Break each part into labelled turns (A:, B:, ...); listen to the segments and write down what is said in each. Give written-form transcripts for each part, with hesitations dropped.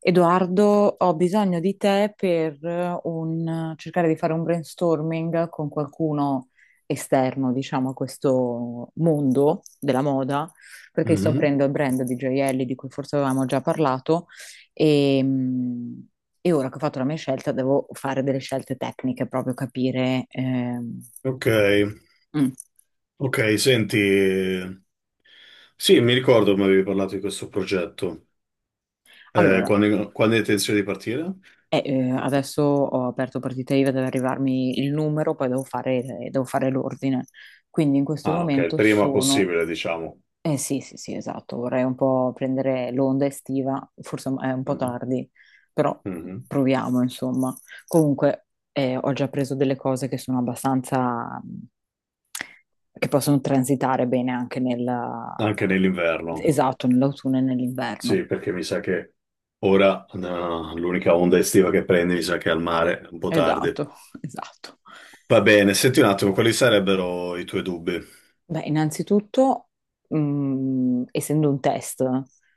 A: Edoardo, ho bisogno di te per cercare di fare un brainstorming con qualcuno esterno, diciamo, a questo mondo della moda, perché sto
B: Mhm.
A: aprendo il brand di gioielli di cui forse avevamo già parlato e, mh, e ora che ho fatto la mia scelta devo fare delle scelte tecniche, proprio capire.
B: Ok,
A: Mm.
B: ok, senti, sì, mi ricordo mi avevi parlato di questo progetto.
A: Allora,
B: Quando, quando hai intenzione di partire?
A: Adesso ho aperto partita IVA, deve arrivarmi il numero, poi devo fare, devo fare l'ordine. Quindi in questo
B: Ah, ok, il
A: momento
B: prima
A: sono...
B: possibile, diciamo.
A: Eh sì, sì, sì, esatto, vorrei un po' prendere l'onda estiva, forse è un po'
B: Mhm.
A: tardi, però
B: Mhm.
A: proviamo, insomma. Comunque ho già preso delle cose che sono abbastanza... che possono transitare bene anche nella...
B: Anche nell'inverno,
A: esatto, nell'autunno e nell'inverno.
B: sì, perché mi sa che ora no, l'unica onda estiva che prendi mi sa che è al mare, un po' tardi.
A: Esatto, esatto.
B: Va bene, senti un attimo, quali sarebbero i tuoi dubbi?
A: Beh, innanzitutto, mm, essendo un test,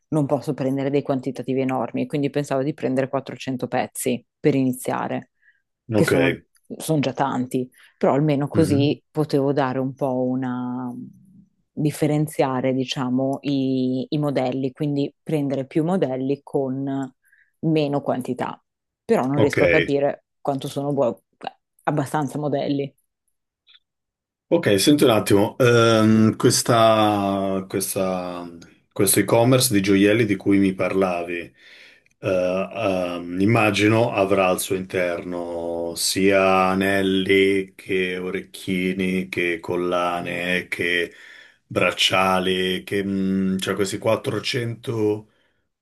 A: non posso prendere dei quantitativi enormi, quindi pensavo di prendere 400 pezzi per iniziare, che
B: Ok.
A: sono, sono già tanti, però almeno
B: Mhm.
A: così potevo dare un po' una... differenziare, diciamo, i modelli, quindi prendere più modelli con meno quantità. Però non
B: Ok.
A: riesco a capire abbastanza modelli.
B: Ok, senti un attimo, questo e-commerce di gioielli di cui mi parlavi, immagino avrà al suo interno sia anelli che orecchini, che collane, che bracciali, che, cioè questi 400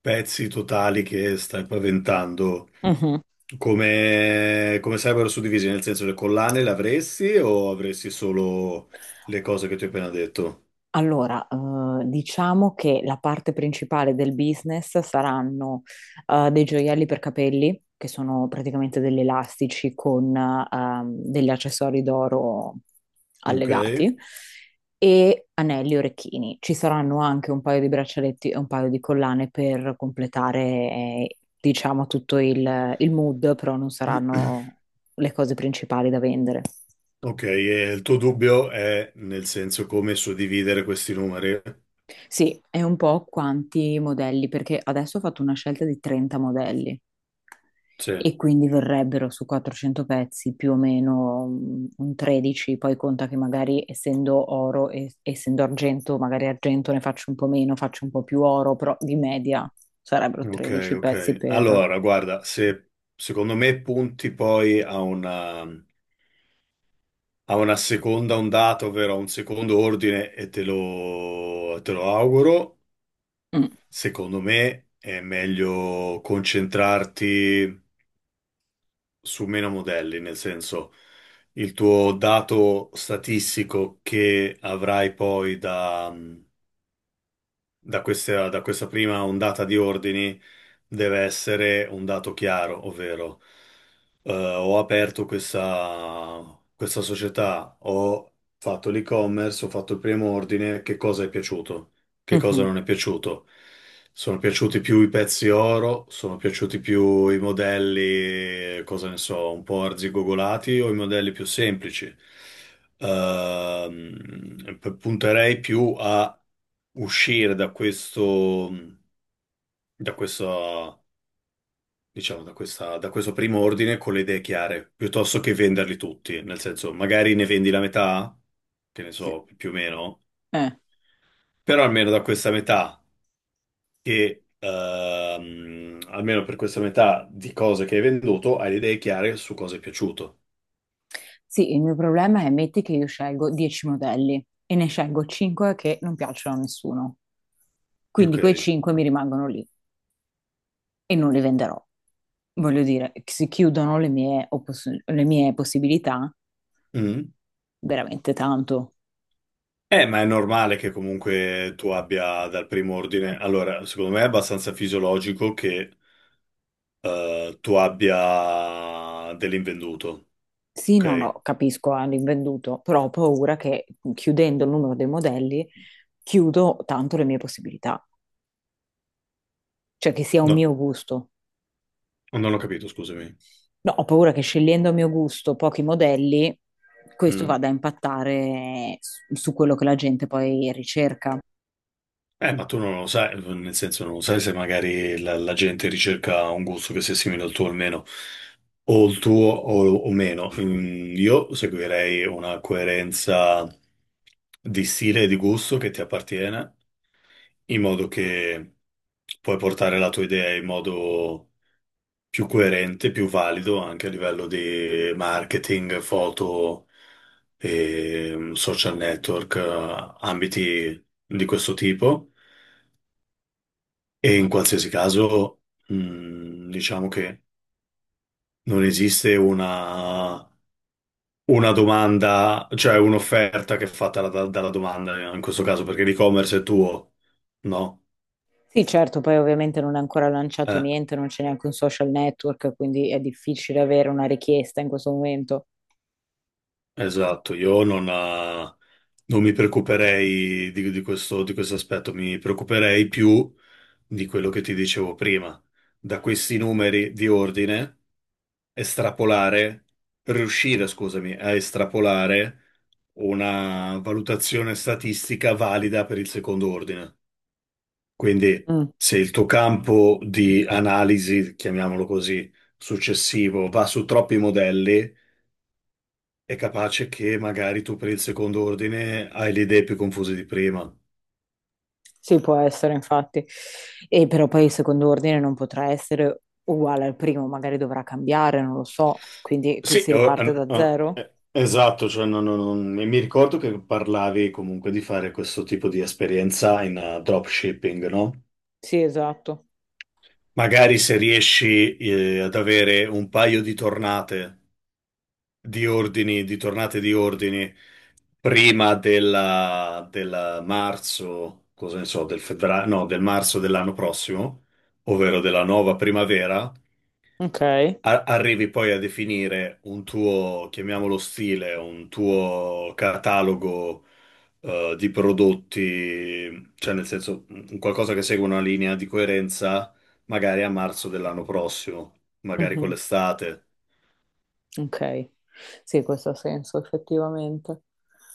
B: pezzi totali che stai paventando.
A: Mhm.
B: Come, come sarebbero suddivisi? Nel senso, le collane le avresti o avresti solo le cose che ti ho appena detto?
A: Allora, diciamo che la parte principale del business saranno dei gioielli per capelli, che sono praticamente degli elastici con degli accessori d'oro
B: Ok.
A: allegati, e anelli e orecchini. Ci saranno anche un paio di braccialetti e un paio di collane per completare, diciamo, tutto il mood, però non saranno le cose principali da vendere.
B: Ok, e il tuo dubbio è nel senso come suddividere questi numeri?
A: Sì, è un po' quanti modelli, perché adesso ho fatto una scelta di 30 modelli
B: Sì.
A: e quindi verrebbero su 400 pezzi più o meno mm, un 13, poi conta che magari essendo oro e essendo argento, magari argento ne faccio un po' meno, faccio un po' più oro, però di media sarebbero
B: Ok,
A: 13 pezzi
B: ok.
A: per...
B: Allora, guarda, se secondo me punti poi a una seconda ondata, ovvero a un secondo ordine, e te lo auguro,
A: Mm,
B: secondo me è meglio concentrarti su meno modelli, nel senso il tuo dato statistico che avrai poi da questa prima ondata di ordini deve essere un dato chiaro, ovvero ho aperto questa società, ho fatto l'e-commerce, ho fatto il primo ordine, che cosa è piaciuto, che cosa
A: mhm.
B: non è piaciuto. Sono piaciuti più i pezzi oro, sono piaciuti più i modelli, cosa ne so, un po' arzigogolati o i modelli più semplici. Punterei più a uscire da questo, da questo da questo primo ordine con le idee chiare, piuttosto che venderli tutti, nel senso, magari ne vendi la metà, che ne
A: Sì.
B: so, più o meno,
A: Eh.
B: però almeno da questa metà, che almeno per questa metà di cose che hai venduto, hai le idee chiare su cosa è piaciuto.
A: Sì, il mio problema è metti che io scelgo 10 modelli e ne scelgo 5 che non piacciono a nessuno. Quindi quei
B: Ok.
A: 5 mi rimangono lì, e non li venderò. Voglio dire, si chiudono le mie possibilità
B: Mm.
A: veramente tanto.
B: Ma è normale che comunque tu abbia dal primo ordine. Allora, secondo me è abbastanza fisiologico che tu abbia dell'invenduto,
A: Sì, no,
B: ok?
A: no, capisco, ah, l'invenduto, però ho paura che chiudendo il numero dei modelli chiudo tanto le mie possibilità, cioè che sia un
B: No,
A: mio gusto.
B: non ho capito, scusami.
A: No, ho paura che scegliendo a mio gusto pochi modelli, questo
B: Mm.
A: vada a impattare su quello che la gente poi ricerca.
B: Ma tu non lo sai, nel senso non lo sai se magari la gente ricerca un gusto che sia simile al tuo o meno, o il tuo o meno. Mm, io seguirei una coerenza di stile e di gusto che ti appartiene, in modo che puoi portare la tua idea in modo più coerente, più valido anche a livello di marketing, foto, e, social network, ambiti di questo tipo. E in qualsiasi caso, diciamo che non esiste una domanda, cioè un'offerta che è fatta dalla domanda, in questo caso, perché l'e-commerce è tuo, no?
A: Sì, certo, poi ovviamente non è ancora lanciato
B: Eh,
A: niente, non c'è neanche un social network, quindi è difficile avere una richiesta in questo momento.
B: esatto, io non, non mi preoccuperei di questo aspetto, mi preoccuperei più di quello che ti dicevo prima. Da questi numeri di ordine estrapolare, per riuscire, scusami, a estrapolare una valutazione statistica valida per il secondo ordine. Quindi,
A: Mm,
B: se il tuo campo di analisi, chiamiamolo così, successivo va su troppi modelli, è capace che magari tu per il secondo ordine hai le idee più confuse di prima.
A: sì, può essere, infatti. E però poi il secondo ordine non potrà essere uguale al primo, magari dovrà cambiare, non lo so. Quindi qui si riparte da zero?
B: Esatto, cioè mi ricordo che parlavi comunque di fare questo tipo di esperienza in dropshipping, no?
A: Sì, esatto.
B: Magari se riesci ad avere un paio di tornate di ordini, di tornate di ordini prima della marzo, cosa ne so, del febbraio, no, del marzo dell'anno prossimo, ovvero della nuova primavera,
A: Ok.
B: arrivi poi a definire un tuo, chiamiamolo stile, un tuo catalogo di prodotti, cioè nel senso un qualcosa che segue una linea di coerenza, magari a marzo dell'anno prossimo, magari con
A: Mhm,
B: l'estate.
A: ok. Sì, questo ha senso, effettivamente.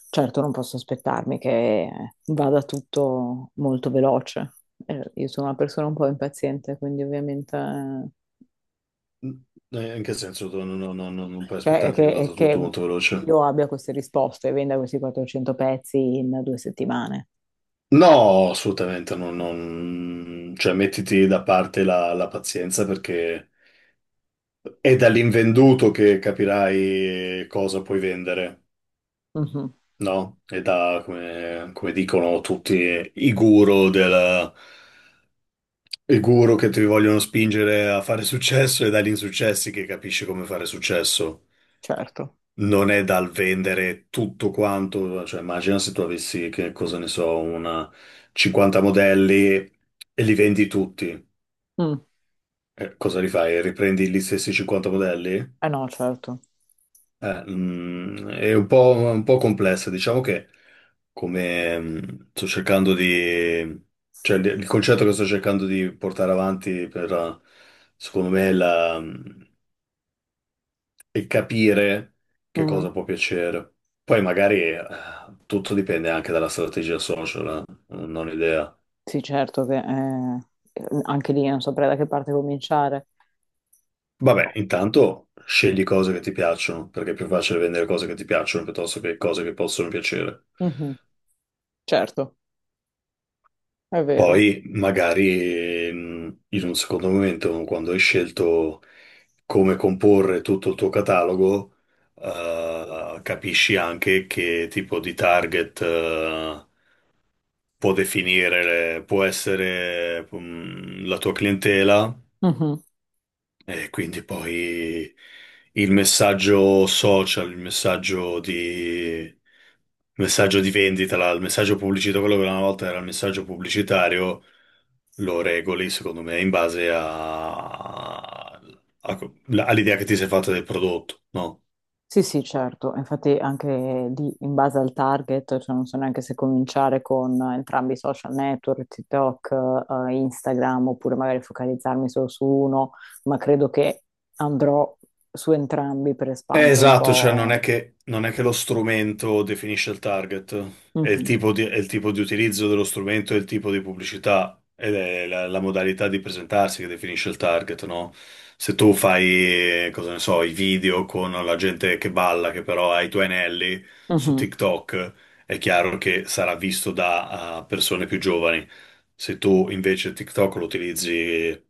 A: Certo, non posso aspettarmi che vada tutto molto veloce. Io sono una persona un po' impaziente, quindi ovviamente
B: In che senso? Tu non puoi aspettarti che
A: è
B: vada tutto
A: che
B: molto veloce?
A: io abbia queste risposte e venda questi 400 pezzi in 2 settimane.
B: No, assolutamente, cioè mettiti da parte la pazienza, perché è dall'invenduto che capirai cosa puoi vendere,
A: Mhm,
B: no? È da, come, come dicono tutti, i guru, del, i guru che ti vogliono spingere a fare successo, è dagli insuccessi che capisci come fare successo.
A: certo.
B: Non è dal vendere tutto quanto, cioè immagina se tu avessi, che cosa ne so, una 50 modelli e li vendi tutti.
A: Mm.
B: Cosa li fai? Riprendi gli stessi 50 modelli?
A: Eh no, certo.
B: È un po' complessa, diciamo che come sto cercando di, cioè il concetto che sto cercando di portare avanti per, secondo me, è capire che
A: Mhm.
B: cosa può piacere. Poi magari tutto dipende anche dalla strategia social, non ho idea.
A: Sì, certo che anche lì non saprei da che parte cominciare.
B: Vabbè, intanto scegli cose che ti piacciono, perché è più facile vendere cose che ti piacciono piuttosto che cose che possono piacere.
A: Mhm, certo, è vero.
B: Poi magari in un secondo momento, quando hai scelto come comporre tutto il tuo catalogo, capisci anche che tipo di target può definire, può essere la tua clientela,
A: Mhm.
B: e quindi poi il messaggio social, il messaggio di vendita, il messaggio pubblicitario, quello che una volta era il messaggio pubblicitario, lo regoli, secondo me, in base a- all'idea che ti sei fatta del prodotto, no?
A: Sì, sì, certo, infatti anche lì in base al target, cioè non so neanche se cominciare con entrambi i social network, TikTok, Instagram, oppure magari focalizzarmi solo su uno, ma credo che andrò su entrambi per espandere un
B: Esatto, cioè
A: po'.
B: non è che lo strumento definisce il target, è il
A: Mhm,
B: tipo è il tipo di utilizzo dello strumento, è il tipo di pubblicità, ed è la modalità di presentarsi che definisce il target, no? Se tu fai, cosa ne so, i video con la gente che balla, che però ha i tuoi anelli su
A: mhm.
B: TikTok, è chiaro che sarà visto da persone più giovani. Se tu invece TikTok lo utilizzi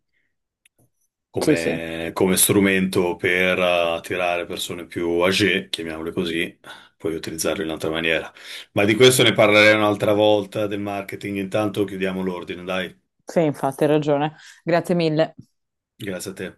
A: Sì, sì,
B: come, come strumento per attirare persone più âgée, chiamiamole così, puoi utilizzarlo in un'altra maniera. Ma di questo ne parlerei un'altra volta del marketing. Intanto chiudiamo l'ordine, dai.
A: sì, infatti hai ragione. Grazie mille.
B: Grazie a te.